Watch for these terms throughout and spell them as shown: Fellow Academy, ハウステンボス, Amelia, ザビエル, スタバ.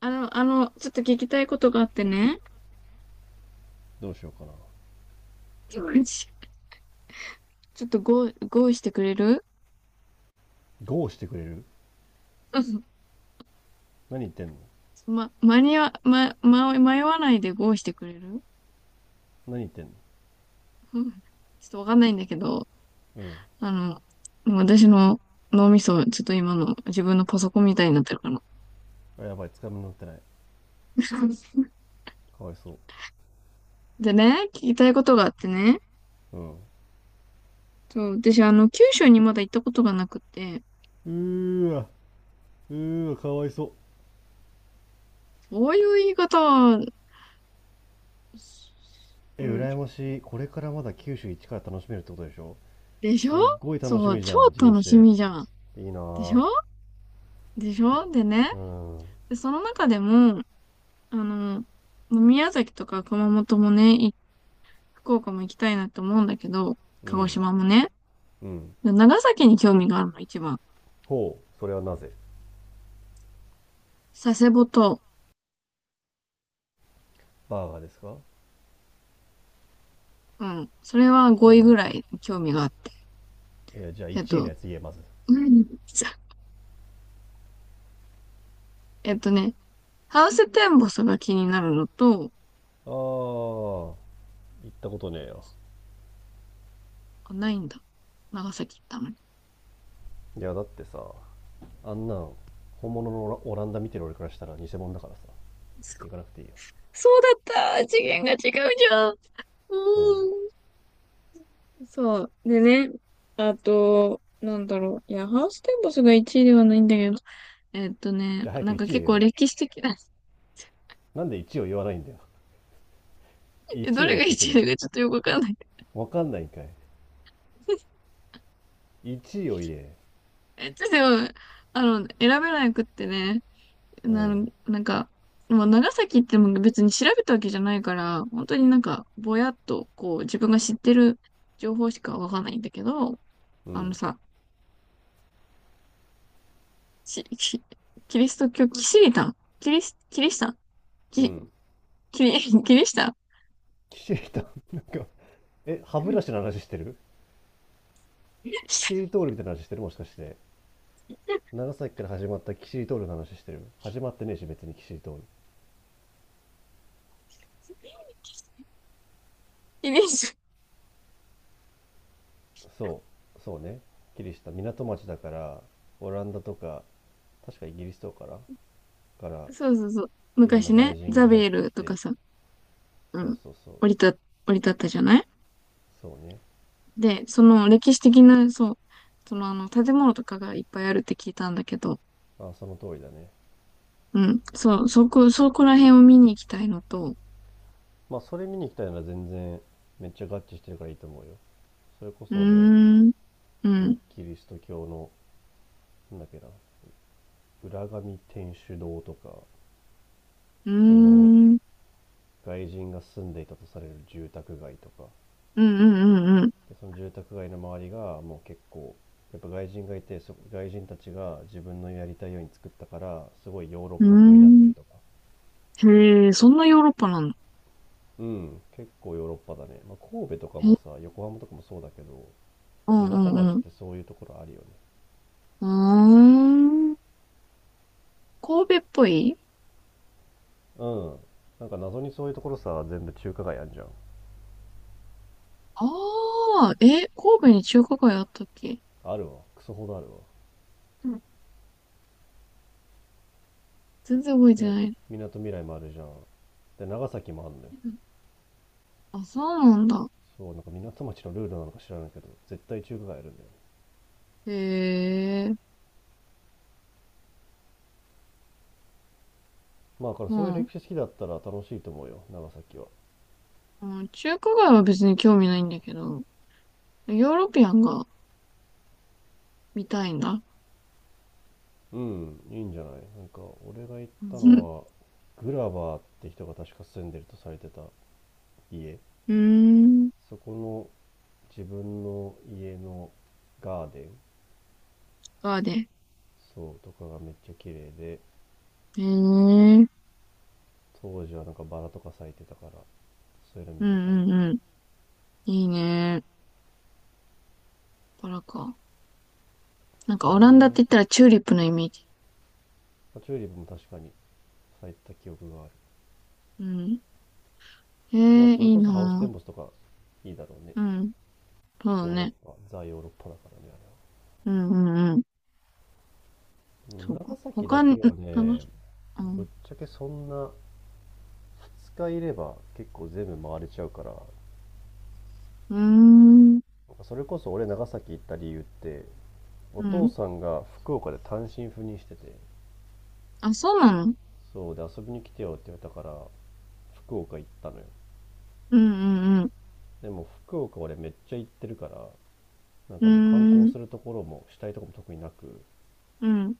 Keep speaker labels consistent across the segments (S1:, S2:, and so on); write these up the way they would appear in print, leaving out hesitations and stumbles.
S1: ちょっと聞きたいことがあってね。
S2: どうしようかな。
S1: ちょっとゴーしてくれる？
S2: ゴーしてくれる？
S1: うん。
S2: 何言ってんの。
S1: ま、間に合、ま、ま、迷わないでゴーしてくれる？
S2: 何言ってんの。
S1: うん。 ちょっとわかんないんだけど、
S2: うん。
S1: あ私の脳みそ、ちょっと今の自分のパソコンみたいになってるかな。
S2: やばい、つかみ乗ってない。かわいそ
S1: でね、聞きたいことがあってね。
S2: う。うん。う
S1: そう、私、九州にまだ行ったことがなくて、
S2: ーわ、うーわ、かわいそう。
S1: そういう言い方は、う
S2: え、
S1: ん、
S2: 羨ましい。これからまだ九州一から楽しめるってことでしょ？
S1: でしょ？
S2: すっごい楽し
S1: そう、
S2: みじ
S1: 超
S2: ゃん、人
S1: 楽し
S2: 生。
S1: みじゃん。
S2: いいな
S1: でし
S2: ぁ。
S1: ょ？でしょ？でね、
S2: うん。う
S1: で、その中でも、あの、もう宮崎とか熊本もね、福岡も行きたいなって思うんだけど、鹿児
S2: ん。
S1: 島もね。
S2: うん。
S1: で長崎に興味があるの、一番。
S2: ほう、それはなぜ？
S1: 佐世保と、
S2: バーガーですか？
S1: うん。それ
S2: 佐
S1: は
S2: 世
S1: 5位ぐ
S2: 保。
S1: らい興味があって。
S2: いや、じゃあ
S1: えっ
S2: 1位の
S1: と、
S2: やつ言え、まず。
S1: 何じゃ。えっとね、ハウステンボスが気になるのと、
S2: ああ、行ったことねえよ。
S1: あ、ないんだ。長崎行ったのに。
S2: いや、だってさ、あんなん本物のオランダ見てる俺からしたら偽物だからさ。
S1: すごい。
S2: 行かなくていいよ。
S1: そうだった。次元が違うじゃん。う
S2: うん。
S1: ーん。そう。でね、あと、なんだろう。いや、ハウステンボスが1位ではないんだけど。
S2: じゃあ早
S1: な
S2: く
S1: んか
S2: 1位言
S1: 結
S2: え
S1: 構
S2: よ。
S1: 歴史的な。
S2: なんで一位を言わないんだよ。
S1: ど
S2: 1を
S1: れ
S2: 言
S1: が
S2: ってく
S1: 1
S2: れ
S1: 位
S2: よ。
S1: だかちょっとよくわかんない。
S2: わかんないんかい。 1位を言え。
S1: でも、選べなくってね、
S2: うん、
S1: なんか、もう長崎っても別に調べたわけじゃないから、本当になんか、ぼやっと、こう、自分が知ってる情報しかわかんないんだけど、
S2: う
S1: あの
S2: ん、
S1: さ、し、しキリスト教、キシリタン、キリス、キリシタン、
S2: う
S1: キ、
S2: ん。
S1: キリ、キリシタン。
S2: キシリなんか歯ブラシの話してる？キシリ トールみたいな話してる？もしかして長崎から始まったキシリトールの話してる？始まってねえし別にキシリトール。
S1: イメージ。
S2: そうそう、ね、キリシタ港町だから。オランダとか、確かイギリスとかから、
S1: そうそうそう。
S2: いろん
S1: 昔
S2: な外
S1: ね、
S2: 人
S1: ザ
S2: が
S1: ビ
S2: 入っ
S1: エ
S2: て
S1: ル
S2: き
S1: とか
S2: て。
S1: さ、う
S2: そう
S1: ん、
S2: そうそう。
S1: 降り立ったじゃない？
S2: そうね。
S1: で、その歴史的な、そう、その建物とかがいっぱいあるって聞いたんだけど、
S2: あ、その通りだね。
S1: うん、そう、そこら辺を見に行きたいのと、
S2: まあそれ見に行きたいなら全然、めっちゃ合致してるからいいと思うよ。それこ
S1: うー
S2: そで、
S1: ん、う
S2: その
S1: ん、
S2: キリスト教の、なんだっけな、浦上天主堂とか、
S1: うー
S2: その
S1: ん、うん、
S2: 外人が住んでいたとされる住宅街とか。
S1: うん、うん、
S2: でその住宅街の周りがもう結構、やっぱ外人がいて外人たちが自分のやりたいように作ったから、すごいヨーロッ
S1: う
S2: パ風になって
S1: ん、う
S2: ると
S1: ー
S2: か。
S1: ん。へえ、そんなヨーロッパなんだ。
S2: うん、結構ヨーロッパだね。まあ、神戸とか
S1: へ
S2: も
S1: え、
S2: さ、横浜とかもそうだけど、
S1: うん、う
S2: 港
S1: ん、
S2: 町っ
S1: うん。
S2: てそういうところあるよね。
S1: うーん、神戸っぽい。
S2: うん。なんか謎にそういうところさ、全部中華街あんじゃん。
S1: ああ、え、神戸に中華街あったっけ？
S2: あるわ。クソほどあるわ。
S1: うん、全然覚えて
S2: で、
S1: ない。
S2: みなとみらいもあるじゃん。で、長崎もあるんだよ。
S1: うん、あ、そうなんだ。
S2: そう、なんか港町のルールなのか知らないけど、絶対中華街あるんだよね。
S1: へえ、
S2: まあ、だから
S1: う
S2: そういう
S1: ん。
S2: 歴史好きだったら楽しいと思うよ、長崎は。
S1: うん、中華街は別に興味ないんだけど、ヨーロピアンが見たいんだ。
S2: うん、いいんじゃない？なんか、俺が行っ
S1: う
S2: た
S1: ん。
S2: のは、グラバーって人が確か住んでるとされてた家。
S1: うーん。
S2: そこの自分の家のガーデン、
S1: バーで。へ
S2: そうとかがめっちゃ綺麗で、
S1: え、うん
S2: 当時はなんかバラとか咲いてたから、そういうの
S1: う
S2: 見てたり。
S1: んうん。いいね。バラか。なんか
S2: そう
S1: オランダって
S2: ね、
S1: 言ったらチューリップのイメージ。
S2: まあチューリップも確かに咲いた記憶がある。
S1: うん。へ
S2: まあ
S1: え、
S2: それ
S1: いい
S2: こそハウステ
S1: な
S2: ンボスとかいいだろうね。
S1: ぁ。うん。そうだ
S2: ヨーロッ
S1: ね。
S2: パザ・ヨーロッパだからね、あ
S1: うんうんうん。そ
S2: れ
S1: う
S2: は。長
S1: か。
S2: 崎だ
S1: 他に、
S2: け
S1: ん、
S2: は
S1: なん
S2: ね。
S1: か、う
S2: ぶっ
S1: ん。
S2: ちゃけそんな、2日いれば結構全部回れちゃうから。
S1: うーん。
S2: それこそ俺長崎行った理由って、お
S1: う
S2: 父
S1: ん。
S2: さんが福岡で単身赴任してて、
S1: あ、そうなの？
S2: そうで遊びに来てよって言われたから福岡行ったのよ。
S1: うんうん
S2: でも福岡俺めっちゃ行ってるから、なん
S1: う
S2: かもう観
S1: ん。う
S2: 光
S1: ー
S2: す
S1: ん。
S2: るところもしたいとこも特になく、
S1: うん。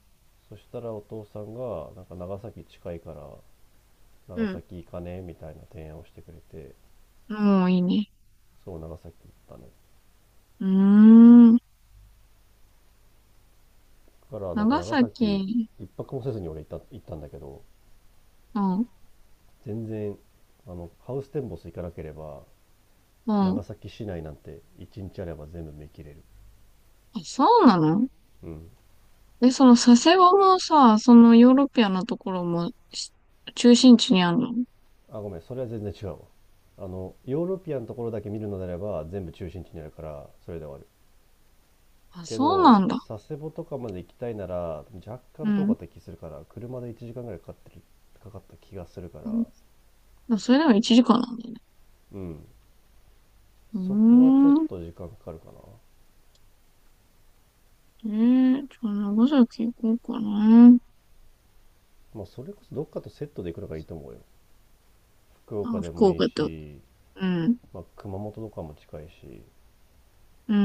S2: そしたらお父さんがなんか長崎近いから
S1: う
S2: 長
S1: ん。
S2: 崎行かねえみたいな提案をしてくれて、
S1: もういいね。
S2: そう、長崎行ったね。
S1: うーん。
S2: だからなんか
S1: 長
S2: 長崎、
S1: 崎。
S2: 一泊もせずに俺行ったんだけど、
S1: うん。
S2: 全然、あのハウステンボス行かなければ
S1: うん。
S2: 長崎市内なんて一日あれば全部見切れる。
S1: あ、そうなの？
S2: うん。
S1: で、その佐世保もさ、そのヨーロピアなところも中心地にあるの？
S2: あ、ごめん、それは全然違うわ。あの、ヨーロピアンのところだけ見るのであれば、全部中心地にあるから、それで終わる。
S1: あ、
S2: け
S1: そうな
S2: ど、
S1: んだ。
S2: 佐世保とかまで行きたいなら、若
S1: う
S2: 干遠か
S1: ん。
S2: った気するから、車で1時間ぐらいかかってる、かかった気がするから、
S1: う、それでも1時間なんだね。
S2: うん。
S1: うー
S2: そこはちょっ
S1: ん。
S2: と時間かかるかな。
S1: えじゃあ長崎行こうかな。
S2: まあ、それこそどっかとセットで行くのがいいと思うよ。福
S1: あ、
S2: 岡で
S1: 福
S2: もいい
S1: 岡と。
S2: し、
S1: うん。
S2: まあ、熊本とかも近いし、
S1: うー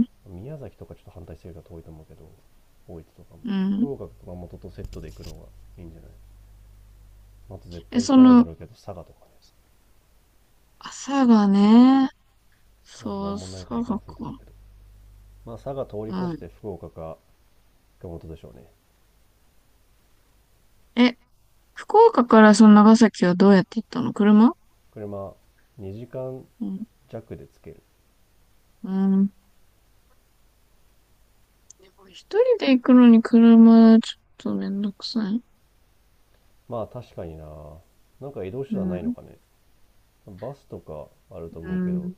S1: ん。
S2: 宮崎とかちょっと反対してるから遠いと思うけど、大分とかも。
S1: うん。
S2: 福岡、熊本とセットで行くのがいいんじゃない？あと絶
S1: え、
S2: 対行
S1: そ
S2: かないだ
S1: の、
S2: ろうけど、佐賀とかね。
S1: 朝がね、
S2: マジな
S1: そう、
S2: んもないから
S1: 朝
S2: 行か
S1: が
S2: なくていいと思
S1: か。
S2: うけど。まあ佐賀通り
S1: う
S2: 越
S1: ん。
S2: して福岡か熊本でしょうね。
S1: え、福岡からその長崎はどうやって行ったの？車？
S2: 車、2時間
S1: うん。
S2: 弱で着ける。
S1: うん。でも一人で行くのに車、ちょっとめんどくさい。
S2: まあ確かにな。なんか移動
S1: う
S2: 手段ないの
S1: ん。
S2: かね。バスとかあると
S1: う
S2: 思うけど、
S1: ん。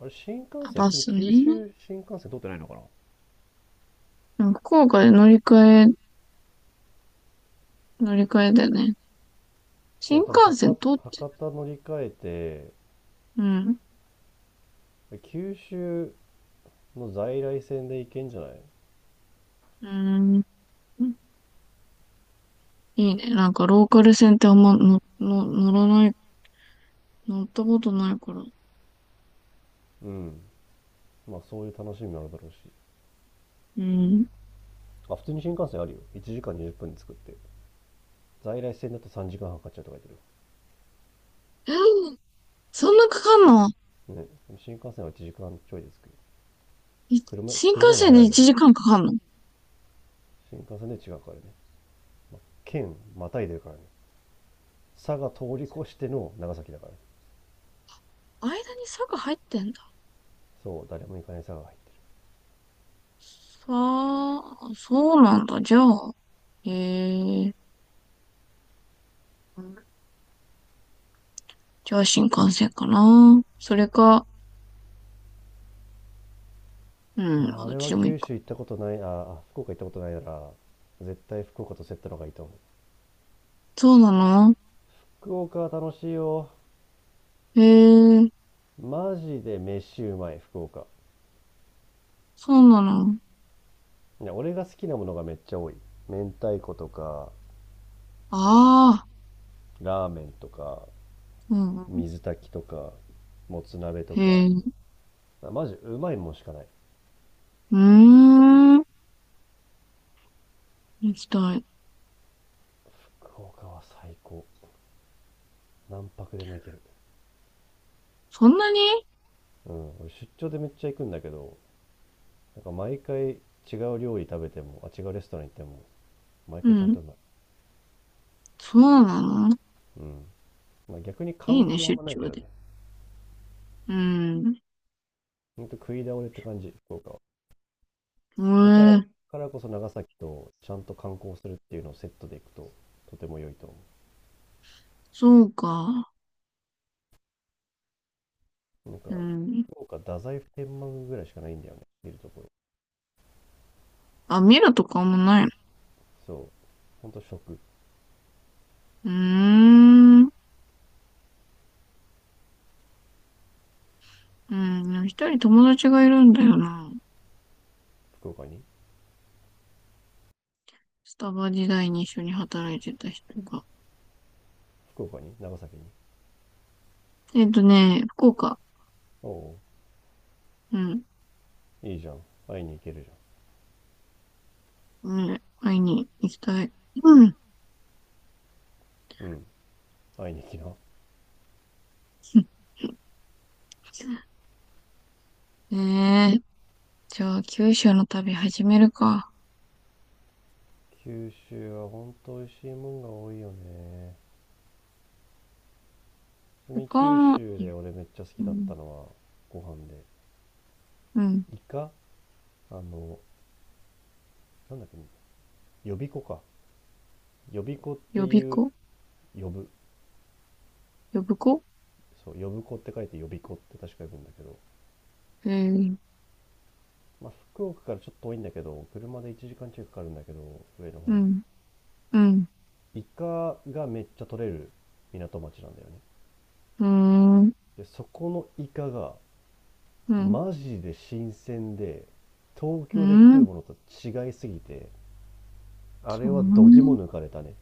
S2: あれ新幹
S1: あ、
S2: 線、
S1: バ
S2: 普通に
S1: スね。
S2: 九州新幹線通ってないのかな？
S1: うん、福岡で乗り換えだよね。
S2: でも
S1: 新
S2: 多分
S1: 幹線
S2: 博
S1: 通って。
S2: 博多乗り換え
S1: うん。
S2: て、九州の在来線で行けんじゃない？
S1: うん。いいね。なんかローカル線ってあんま乗ったことないから。
S2: うん。まあそういう楽しみもあるだろうし。
S1: うん。
S2: あ、普通に新幹線あるよ。1時間20分で着くって。在来線だと3時間半かかっちゃうとか言って
S1: えーそんなかかんの？
S2: る。ね。新幹線は1時間ちょいですけど。車、
S1: 新幹
S2: 車より
S1: 線で
S2: 早いの。
S1: 1時間かんかかんの？
S2: 新幹線で違うからね。県またいでるからね。佐賀通り越しての長崎だから、ね、
S1: 間に坂入ってんだ。
S2: そう、誰も行かない佐賀が入って
S1: さあ、そうなんだ。じゃあ、へえ。じゃあ新幹線かな。それか、う
S2: る。
S1: ん、
S2: ま
S1: ま
S2: あ、
S1: あどっ
S2: 俺
S1: ち
S2: は
S1: でもいい
S2: 九
S1: か。
S2: 州行ったことない、ああ、福岡行ったことないなら、絶対福岡とセットの方がいいと思う。
S1: そうなの？
S2: 福岡は楽しいよ。
S1: へえ、
S2: マジで飯うまい、福岡。
S1: そうなの。
S2: ね、俺が好きなものがめっちゃ多い。明太子とか、
S1: ああ、
S2: ラーメンとか、
S1: うん。
S2: 水炊きとか、もつ鍋と
S1: へ
S2: か、
S1: え、う
S2: マジうまいもんしかない。
S1: ーん。行きたい。
S2: 福岡は最高。何泊でも行ける。
S1: そんなに？
S2: うん、俺出張でめっちゃ行くんだけど、なんか毎回違う料理食べても、あ、違うレストラン行っても、毎
S1: う
S2: 回ちゃんと
S1: ん。
S2: うまい。
S1: そうなの？
S2: うん。まあ、逆に
S1: い
S2: 観
S1: いね、
S2: 光はあん
S1: 出
S2: まないけ
S1: 張
S2: どね。
S1: で。うん。
S2: ほんと食い倒れって感じ、福岡は。
S1: え
S2: まあ、
S1: え、
S2: からこそ長崎とちゃんと観光するっていうのをセットで行くと、とても良いと思
S1: そうか。
S2: う。なん
S1: う
S2: か、
S1: ん。
S2: 福岡、太宰府天満宮ぐらいしかないんだよね、見るところ。
S1: あ、見るとかもない？
S2: そう。ほんと食。
S1: うーん。うん。一人友達がいるんだよな。
S2: 福岡に？
S1: スタバ時代に一緒に働いてた人が。
S2: 福岡に長崎に？
S1: 福岡。
S2: おお、
S1: うん。
S2: ういいじゃん。会いに行けるじ
S1: ね、会いに行きたい。うん。
S2: ゃん。うん、会いに行きな。
S1: ね、じゃあ、九州の旅始めるか。
S2: 九州はほんと美味しいもんが多いよね。ちなみに
S1: 他
S2: 九
S1: の、
S2: 州で俺めっちゃ好
S1: う
S2: きだった
S1: ん、
S2: のはご飯で、
S1: うん、
S2: イカ、あの、なんだっけ、呼び子か、呼び子って
S1: 予備
S2: いう、
S1: 校
S2: 呼ぶ、
S1: 予備校
S2: そう、呼ぶ子って書いて呼び子って確か呼ぶんだけど、
S1: えー
S2: まあ、福岡からちょっと遠いんだけど、車で1時間近くかかるんだけど、上の
S1: う
S2: 方に。
S1: ん、うん、
S2: イカがめっちゃ取れる港町なんだよね。
S1: うーん、
S2: でそこのイカが
S1: うん、
S2: マジで新鮮で、東
S1: う
S2: 京で食う
S1: ん、
S2: ものと違いすぎて、あ
S1: そ
S2: れはど
S1: ん
S2: ぎも
S1: な。
S2: 抜かれたね。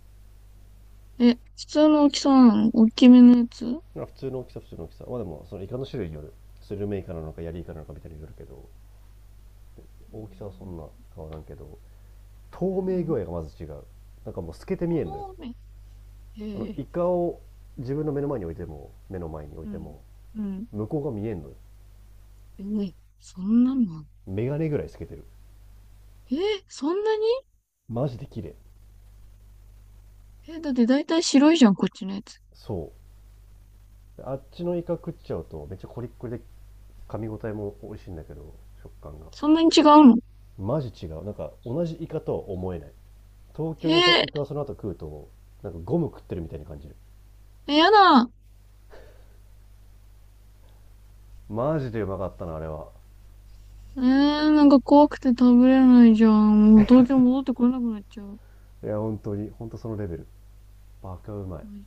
S1: え、普通の大きさなの？大きめのやつ？うん、
S2: 普通の大きさ、普通の大きさ。まあでもそのイカの種類による、スルメイカなのかヤリイカなのかみたいによるけど、大きさはそんな変わらんけど、
S1: う
S2: 透明具
S1: ん、
S2: 合がまず違う。なんかもう透けて見えんのよ。
S1: そうめん。
S2: あの
S1: へえ。
S2: イカを自分の目の前に置いても、目の前に置い
S1: う
S2: て
S1: ん。
S2: も、
S1: うん。
S2: 向こうが見えんのよ。
S1: ええ、そんなのあん？
S2: メガネぐらい透けてる。
S1: えー、そんなに？
S2: マジで綺麗。
S1: え、だって大体白いじゃん、こっちのやつ。
S2: そう、あっちのイカ食っちゃうとめっちゃコリッコリで、噛み応えも美味しいんだけど、食感が
S1: そんなに違うの？
S2: マジ違う。なんか同じイカとは思えない。東
S1: え
S2: 京にいたイ
S1: ー、
S2: カをその後食うと、なんかゴム食ってるみたいに感じる。
S1: え、やだ。
S2: マジでうまかったなあれは。
S1: えー、なんか怖くて食べれないじゃん。もう東京戻ってこれなくなっちゃう。
S2: いや本当に本当、そのレベル。バカうまい。
S1: ね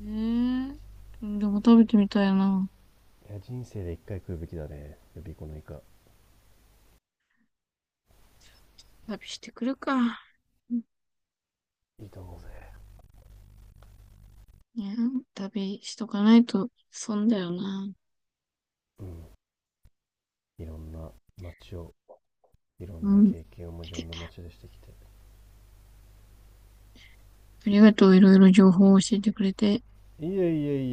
S1: えー、でも食べてみたいな。
S2: いや人生で一回食うべきだね、予備校のイカ。
S1: 旅してくるか。うん、
S2: いいと思うぜ。
S1: いや、旅しとかないと損だよな。
S2: うん、いろんな街をいろ
S1: う
S2: んな
S1: ん。
S2: 経験をも、いろんな街でしてきて。
S1: ありがとう、いろいろ情報を教えてくれて。
S2: いえいえい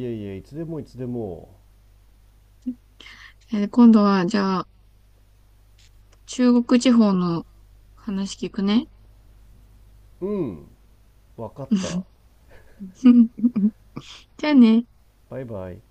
S2: えいえ、いつでもいつでも。
S1: 今度は、じゃあ、中国地方の話聞くね。
S2: うん、わかった。
S1: じゃあね。
S2: バイバイ。